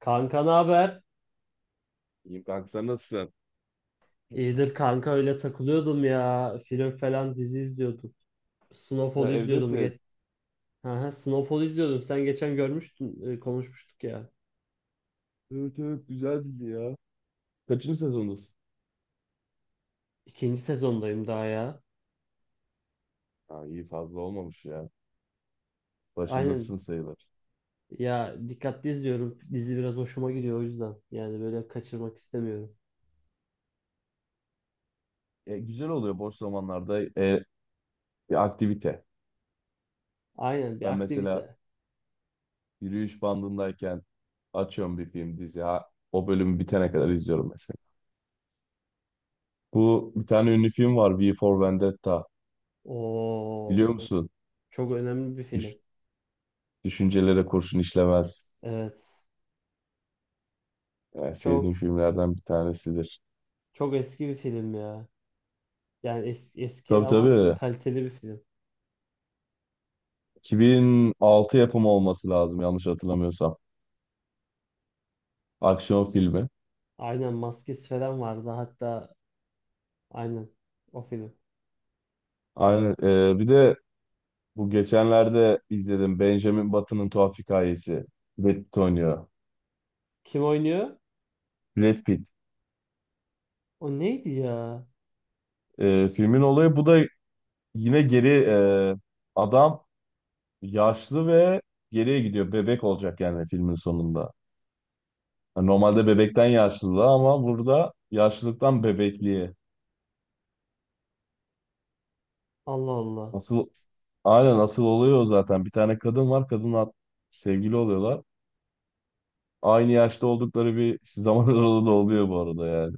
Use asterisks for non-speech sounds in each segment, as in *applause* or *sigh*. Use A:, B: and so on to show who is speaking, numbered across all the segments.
A: Kanka ne haber?
B: İyiyim kanka sen nasılsın?
A: İyidir kanka öyle takılıyordum ya. Film falan dizi izliyordum.
B: Sen
A: Snowfall izliyordum.
B: evdesin.
A: Aha, Snowfall izliyordum. Sen geçen görmüştün, konuşmuştuk ya.
B: Evet, evet, güzel dizi ya. Kaçıncı sezondasın?
A: İkinci sezondayım daha ya.
B: Ha, iyi fazla olmamış ya.
A: Aynen.
B: Başındasın sayılır.
A: Ya dikkatli izliyorum. Dizi biraz hoşuma gidiyor o yüzden. Yani böyle kaçırmak istemiyorum.
B: Güzel oluyor boş zamanlarda bir aktivite.
A: Aynen bir
B: Ben mesela
A: aktivite.
B: yürüyüş bandındayken açıyorum bir film dizi. Ha, o bölümü bitene kadar izliyorum mesela. Bu bir tane ünlü film var V for Vendetta.
A: Oo,
B: Biliyor musun?
A: çok önemli bir film.
B: Düş- düşüncelere kurşun işlemez.
A: Evet.
B: Yani
A: Çok
B: sevdiğim filmlerden bir tanesidir.
A: çok eski bir film ya. Yani eski
B: Tabii
A: ama
B: tabii.
A: kaliteli bir film.
B: 2006 yapımı olması lazım yanlış hatırlamıyorsam. Aksiyon filmi.
A: Aynen maskesi falan vardı, hatta aynen o film.
B: Aynen. Bir de bu geçenlerde izledim Benjamin Button'ın Tuhaf Hikayesi. Brad Pitt oynuyor.
A: Kim oynuyor?
B: Brad Pitt.
A: O neydi ya?
B: Filmin olayı bu da yine geri adam yaşlı ve geriye gidiyor. Bebek olacak yani filmin sonunda. Yani normalde bebekten yaşlılığa ama burada yaşlılıktan bebekliğe.
A: Allah Allah.
B: Asıl aynen asıl oluyor o zaten. Bir tane kadın var. Kadınla sevgili oluyorlar. Aynı yaşta oldukları bir zaman *laughs* aralığı da oluyor bu arada yani.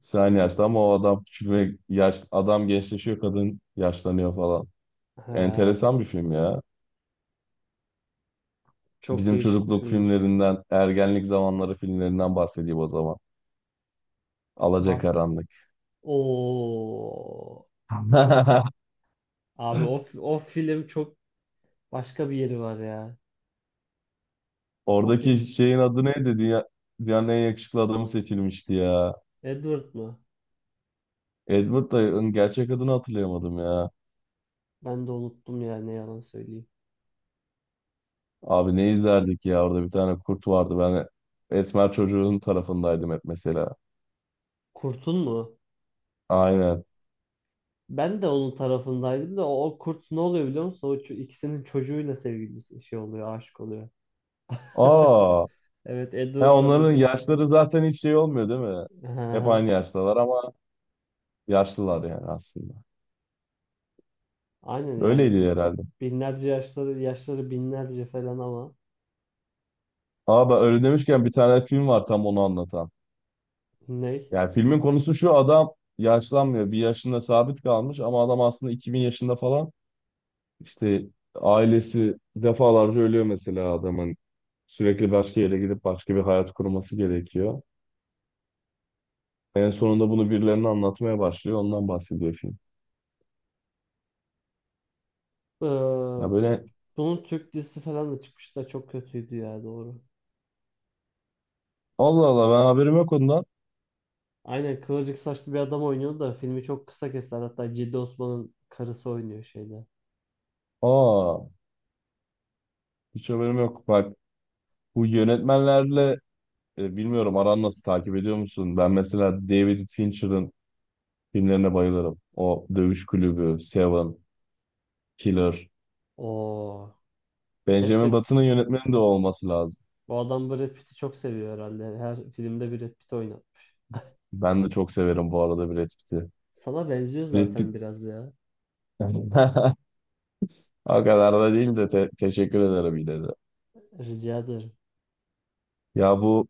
B: Sen aynı yaşta ama o adam küçülme yaş adam gençleşiyor, kadın yaşlanıyor falan.
A: He,
B: Enteresan bir film ya.
A: çok
B: Bizim
A: değişik bir
B: çocukluk
A: filmmiş.
B: filmlerinden, ergenlik zamanları filmlerinden bahsedeyim o zaman.
A: Bas.
B: Alacakaranlık.
A: Oo. Çok.
B: *laughs*
A: Abi o film çok başka bir yeri var ya. O
B: Oradaki
A: film.
B: şeyin adı neydi? Dünyanın en yakışıklı adamı seçilmişti ya.
A: Edward mı?
B: Edward Dayı'nın gerçek adını hatırlayamadım ya.
A: Ben de unuttum ya, ne yalan söyleyeyim.
B: Abi ne izlerdik ya, orada bir tane kurt vardı. Ben esmer çocuğun tarafındaydım hep mesela.
A: Kurt'un mu?
B: Aynen.
A: Ben de onun tarafındaydım da o kurt ne oluyor biliyor musun? İkisinin çocuğuyla sevgilisi şey oluyor, aşık oluyor. *laughs*
B: Aa,
A: Evet,
B: ya
A: Edward'la
B: onların
A: Bibi.
B: yaşları zaten hiç şey olmuyor değil mi? Hep
A: Aha,
B: aynı yaştalar ama yaşlılar yani aslında.
A: aynen yani
B: Öyleydi herhalde.
A: binlerce yaşları binlerce falan ama
B: Aa, ben öyle demişken bir tane film var tam onu anlatan.
A: ne?
B: Yani filmin konusu şu, adam yaşlanmıyor. Bir yaşında sabit kalmış ama adam aslında 2000 yaşında falan. İşte ailesi defalarca ölüyor mesela adamın. Sürekli başka yere gidip başka bir hayat kurması gerekiyor. En sonunda bunu birilerine anlatmaya başlıyor. Ondan bahsediyor film. Ya
A: Ee,
B: böyle.
A: Bunun Türk dizisi falan da çıkmıştı da çok kötüydü ya, doğru.
B: Allah Allah, ben haberim yok ondan.
A: Aynen, kıvırcık saçlı bir adam oynuyordu da filmi çok kısa kestiler. Hatta Ciddi Osman'ın karısı oynuyor şeyde.
B: Aa, hiç haberim yok. Bak, bu yönetmenlerle bilmiyorum, aran nasıl, takip ediyor musun? Ben mesela David Fincher'ın filmlerine bayılırım. O Dövüş Kulübü, Seven, Killer.
A: Oo. Hep de
B: Benjamin Button'ın yönetmeni de o olması lazım.
A: bu adam Brad Pitt'i çok seviyor herhalde. Her filmde Brad Pitt oynatmış.
B: Ben de çok severim bu arada Brad Pitt'i.
A: Sana benziyor
B: Brad Pitt
A: zaten biraz ya.
B: *laughs* o kadar da değil de teşekkür ederim yine de.
A: Rica ederim.
B: Ya bu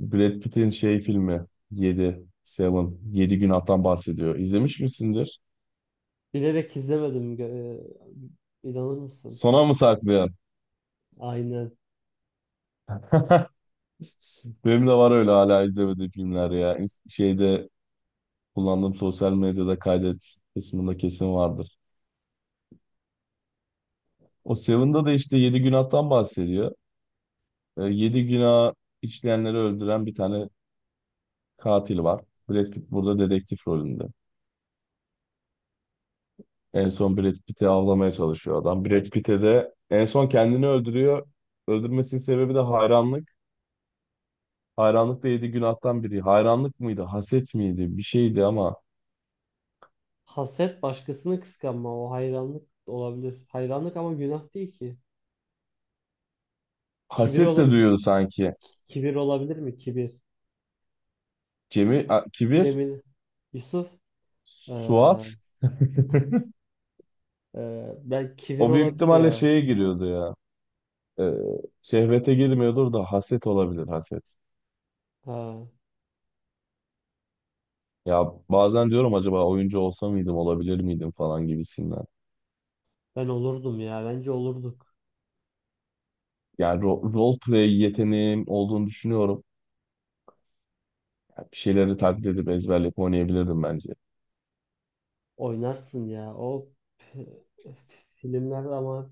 B: Brad Pitt'in şey filmi 7, Seven, 7 günahtan bahsediyor. İzlemiş misindir?
A: Bilerek izlemedim. İnanır mısın?
B: Sona mı saklıyor?
A: Aynen.
B: Benim de var öyle hala izlemediğim filmler ya. Şeyde kullandığım sosyal medyada kaydet kısmında kesin vardır. O Seven'da da işte yedi günahtan bahsediyor. Yedi günah işleyenleri öldüren bir tane katil var. Brad Pitt burada dedektif rolünde. En son Brad Pitt'i avlamaya çalışıyor adam. Brad Pitt'e de en son kendini öldürüyor. Öldürmesinin sebebi de hayranlık. Hayranlık da yedi günahtan biri. Hayranlık mıydı, haset miydi? Bir şeydi ama
A: Haset başkasını kıskanma. O hayranlık olabilir. Hayranlık ama günah değil ki. Kibir,
B: haset
A: ola
B: de duyuyordu sanki.
A: kibir olabilir mi? Kibir.
B: Cemil, kibir,
A: Cemil. Yusuf.
B: Suat.
A: Ee,
B: *laughs*
A: ben, kibir
B: O büyük
A: olabilir
B: ihtimalle
A: ya.
B: şeye giriyordu ya. Ee, şehvete girmiyordur da haset olabilir, haset.
A: Ha,
B: Ya bazen diyorum, acaba oyuncu olsa mıydım, olabilir miydim falan gibisinden.
A: ben olurdum ya. Bence olurduk.
B: Yani role play yeteneğim olduğunu düşünüyorum. Ya bir şeyleri taklit edip ezberleyip oynayabilirdim bence.
A: Oynarsın ya. P- Filmler ama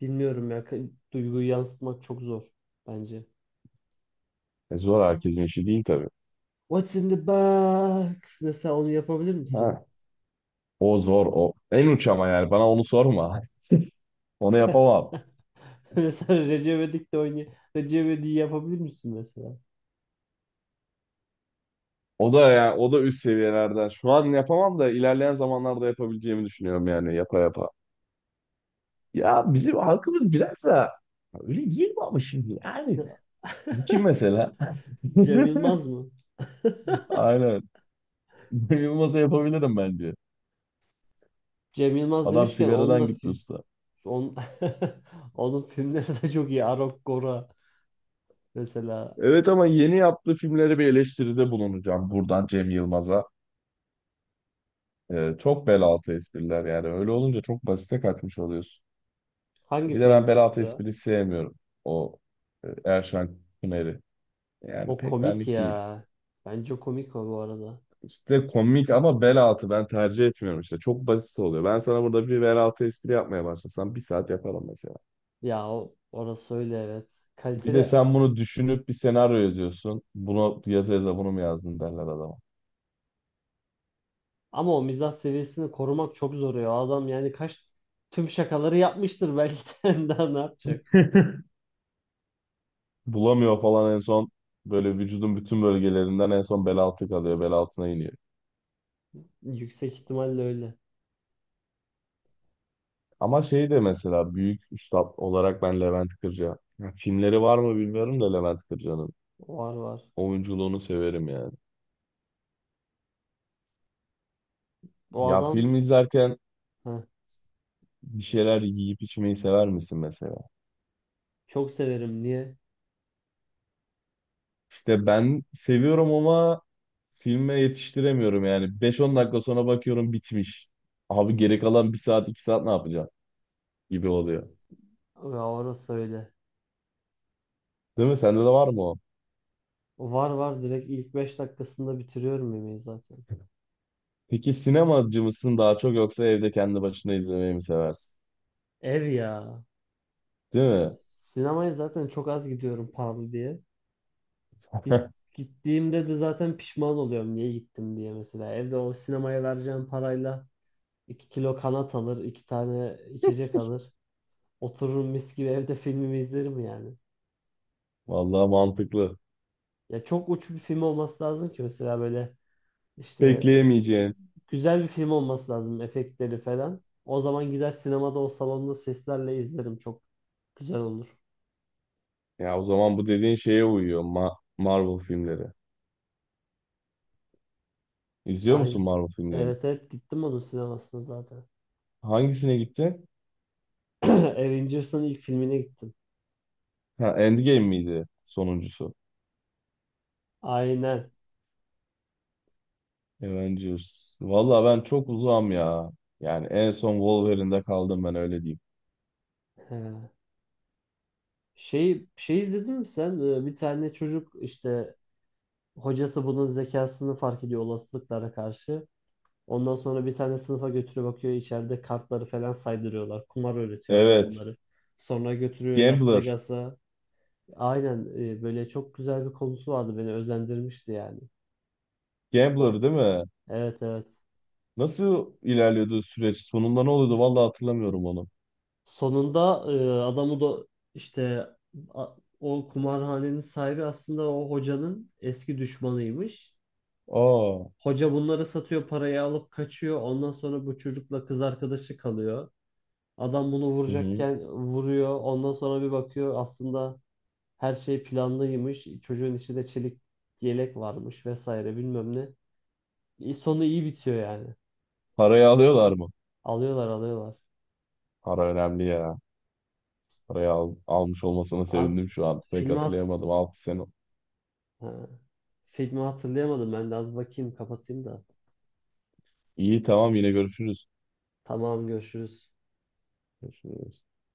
A: bilmiyorum ya. Duyguyu yansıtmak çok zor bence.
B: Zor herkesin işi değil tabii.
A: What's in the box? Mesela onu yapabilir misin?
B: Ha. O zor o. En uç ama, yani bana onu sorma. *laughs* Onu yapamam.
A: *laughs* Mesela Recep İvedik'te oynuyor. Recep İvedik'i yapabilir misin mesela?
B: O da yani o da üst seviyelerden. Şu an yapamam da ilerleyen zamanlarda yapabileceğimi düşünüyorum yani, yapa yapa. Ya bizim halkımız biraz da öyle değil mi ama, şimdi yani
A: *laughs*
B: kim mesela?
A: Cem
B: *laughs*
A: Yılmaz mı?
B: Aynen. Cem Yılmaz'a yapabilirim bence.
A: Cem Yılmaz
B: Adam
A: demişken, onun da
B: sigaradan gitti usta.
A: on, *laughs* onun filmleri de çok iyi. Arok Gora mesela.
B: Evet ama yeni yaptığı filmlere bir eleştiride bulunacağım buradan Cem Yılmaz'a. Çok bel altı espriler yani. Öyle olunca çok basite kaçmış oluyorsun.
A: Hangi
B: Bir de ben
A: filmde
B: bel altı
A: mesela?
B: espriyi sevmiyorum. O Erşan Kuneri. Yani
A: O
B: pek
A: komik
B: benlik değil.
A: ya. Bence o komik o, bu arada.
B: İşte komik ama bel altı ben tercih etmiyorum işte. Çok basit oluyor. Ben sana burada bir bel altı espri yapmaya başlasam bir saat yaparım mesela.
A: Ya orası öyle, evet.
B: Bir de
A: Kaliteli
B: sen bunu düşünüp bir senaryo yazıyorsun. Bunu yaza yaza bunu mu yazdın derler adama.
A: ama o mizah seviyesini korumak çok zor ya. Adam yani tüm şakaları yapmıştır belki de *laughs* daha ne yapacak?
B: *laughs* Bulamıyor falan, en son böyle vücudun bütün bölgelerinden, en son bel altı kalıyor. Bel altına iniyor.
A: Yüksek ihtimalle öyle.
B: Ama şey de mesela büyük üstad olarak ben Levent Kırca. Ya filmleri var mı bilmiyorum da Levent Kırca'nın.
A: Var, var.
B: Oyunculuğunu severim yani.
A: O
B: Ya
A: adam.
B: film izlerken
A: Heh,
B: bir şeyler yiyip içmeyi sever misin mesela?
A: çok severim. Niye?
B: İşte ben seviyorum ama filme yetiştiremiyorum yani. Beş on dakika sonra bakıyorum bitmiş. Abi geri kalan bir saat 2 saat ne yapacağım gibi oluyor.
A: Ya orası öyle.
B: Değil mi? Sende de var mı o?
A: Var, var, direkt ilk 5 dakikasında bitiriyorum yemeği zaten.
B: Peki sinemacı mısın daha çok, yoksa evde kendi başına izlemeyi mi seversin?
A: Ev ya.
B: Değil mi?
A: Sinemaya zaten çok az gidiyorum, pahalı diye.
B: *laughs*
A: Gittiğimde de zaten pişman oluyorum, niye gittim diye mesela. Evde o sinemaya vereceğim parayla 2 kilo kanat alır, 2 tane içecek alır. Otururum mis gibi evde, filmimi izlerim yani.
B: Vallahi mantıklı.
A: Ya çok uç bir film olması lazım ki mesela, böyle İşte e,
B: Bekleyemeyeceğin.
A: güzel bir film olması lazım, efektleri falan. O zaman gider sinemada o salonda seslerle izlerim. Çok güzel olur.
B: Ya o zaman bu dediğin şeye uyuyor. Marvel filmleri. İzliyor
A: Aynen.
B: musun Marvel filmlerini?
A: Evet, evet, gittim onun sinemasına zaten.
B: Hangisine gitti?
A: *clears throat* Avengers'ın ilk filmine gittim.
B: Ha, Endgame miydi sonuncusu?
A: Aynen.
B: Avengers. Valla ben çok uzağım ya. Yani en son Wolverine'de kaldım, ben öyle diyeyim.
A: He. Şey izledin mi sen? Bir tane çocuk işte, hocası bunun zekasını fark ediyor olasılıklara karşı. Ondan sonra bir tane sınıfa götürüyor, bakıyor içeride kartları falan saydırıyorlar. Kumar öğretiyor adam
B: Evet.
A: bunları. Sonra götürüyor Las
B: Gambler.
A: Vegas'a. Aynen, böyle çok güzel bir konusu vardı, beni özendirmişti yani. O
B: Gambler değil mi?
A: Evet, evet.
B: Nasıl ilerliyordu süreç? Sonunda ne oluyordu? Valla hatırlamıyorum onu.
A: Sonunda adamı da işte a- o kumarhanenin sahibi aslında o hocanın eski düşmanıymış.
B: Aa.
A: Hoca bunları satıyor, parayı alıp kaçıyor. Ondan sonra bu çocukla kız arkadaşı kalıyor. Adam bunu
B: Hı hı.
A: vuracakken vuruyor. Ondan sonra bir bakıyor, aslında her şey planlıymış. Çocuğun içinde çelik yelek varmış vesaire bilmem ne. Sonu iyi bitiyor yani.
B: Parayı alıyorlar mı?
A: Alıyorlar, alıyorlar.
B: Para önemli ya. Parayı almış olmasına
A: Az
B: sevindim şu an. Pek
A: filmi hat
B: hatırlayamadım. 6 sene.
A: ha. Filmi hatırlayamadım, ben de az bakayım kapatayım da.
B: İyi tamam, yine görüşürüz.
A: Tamam, görüşürüz.
B: Görüşürüz.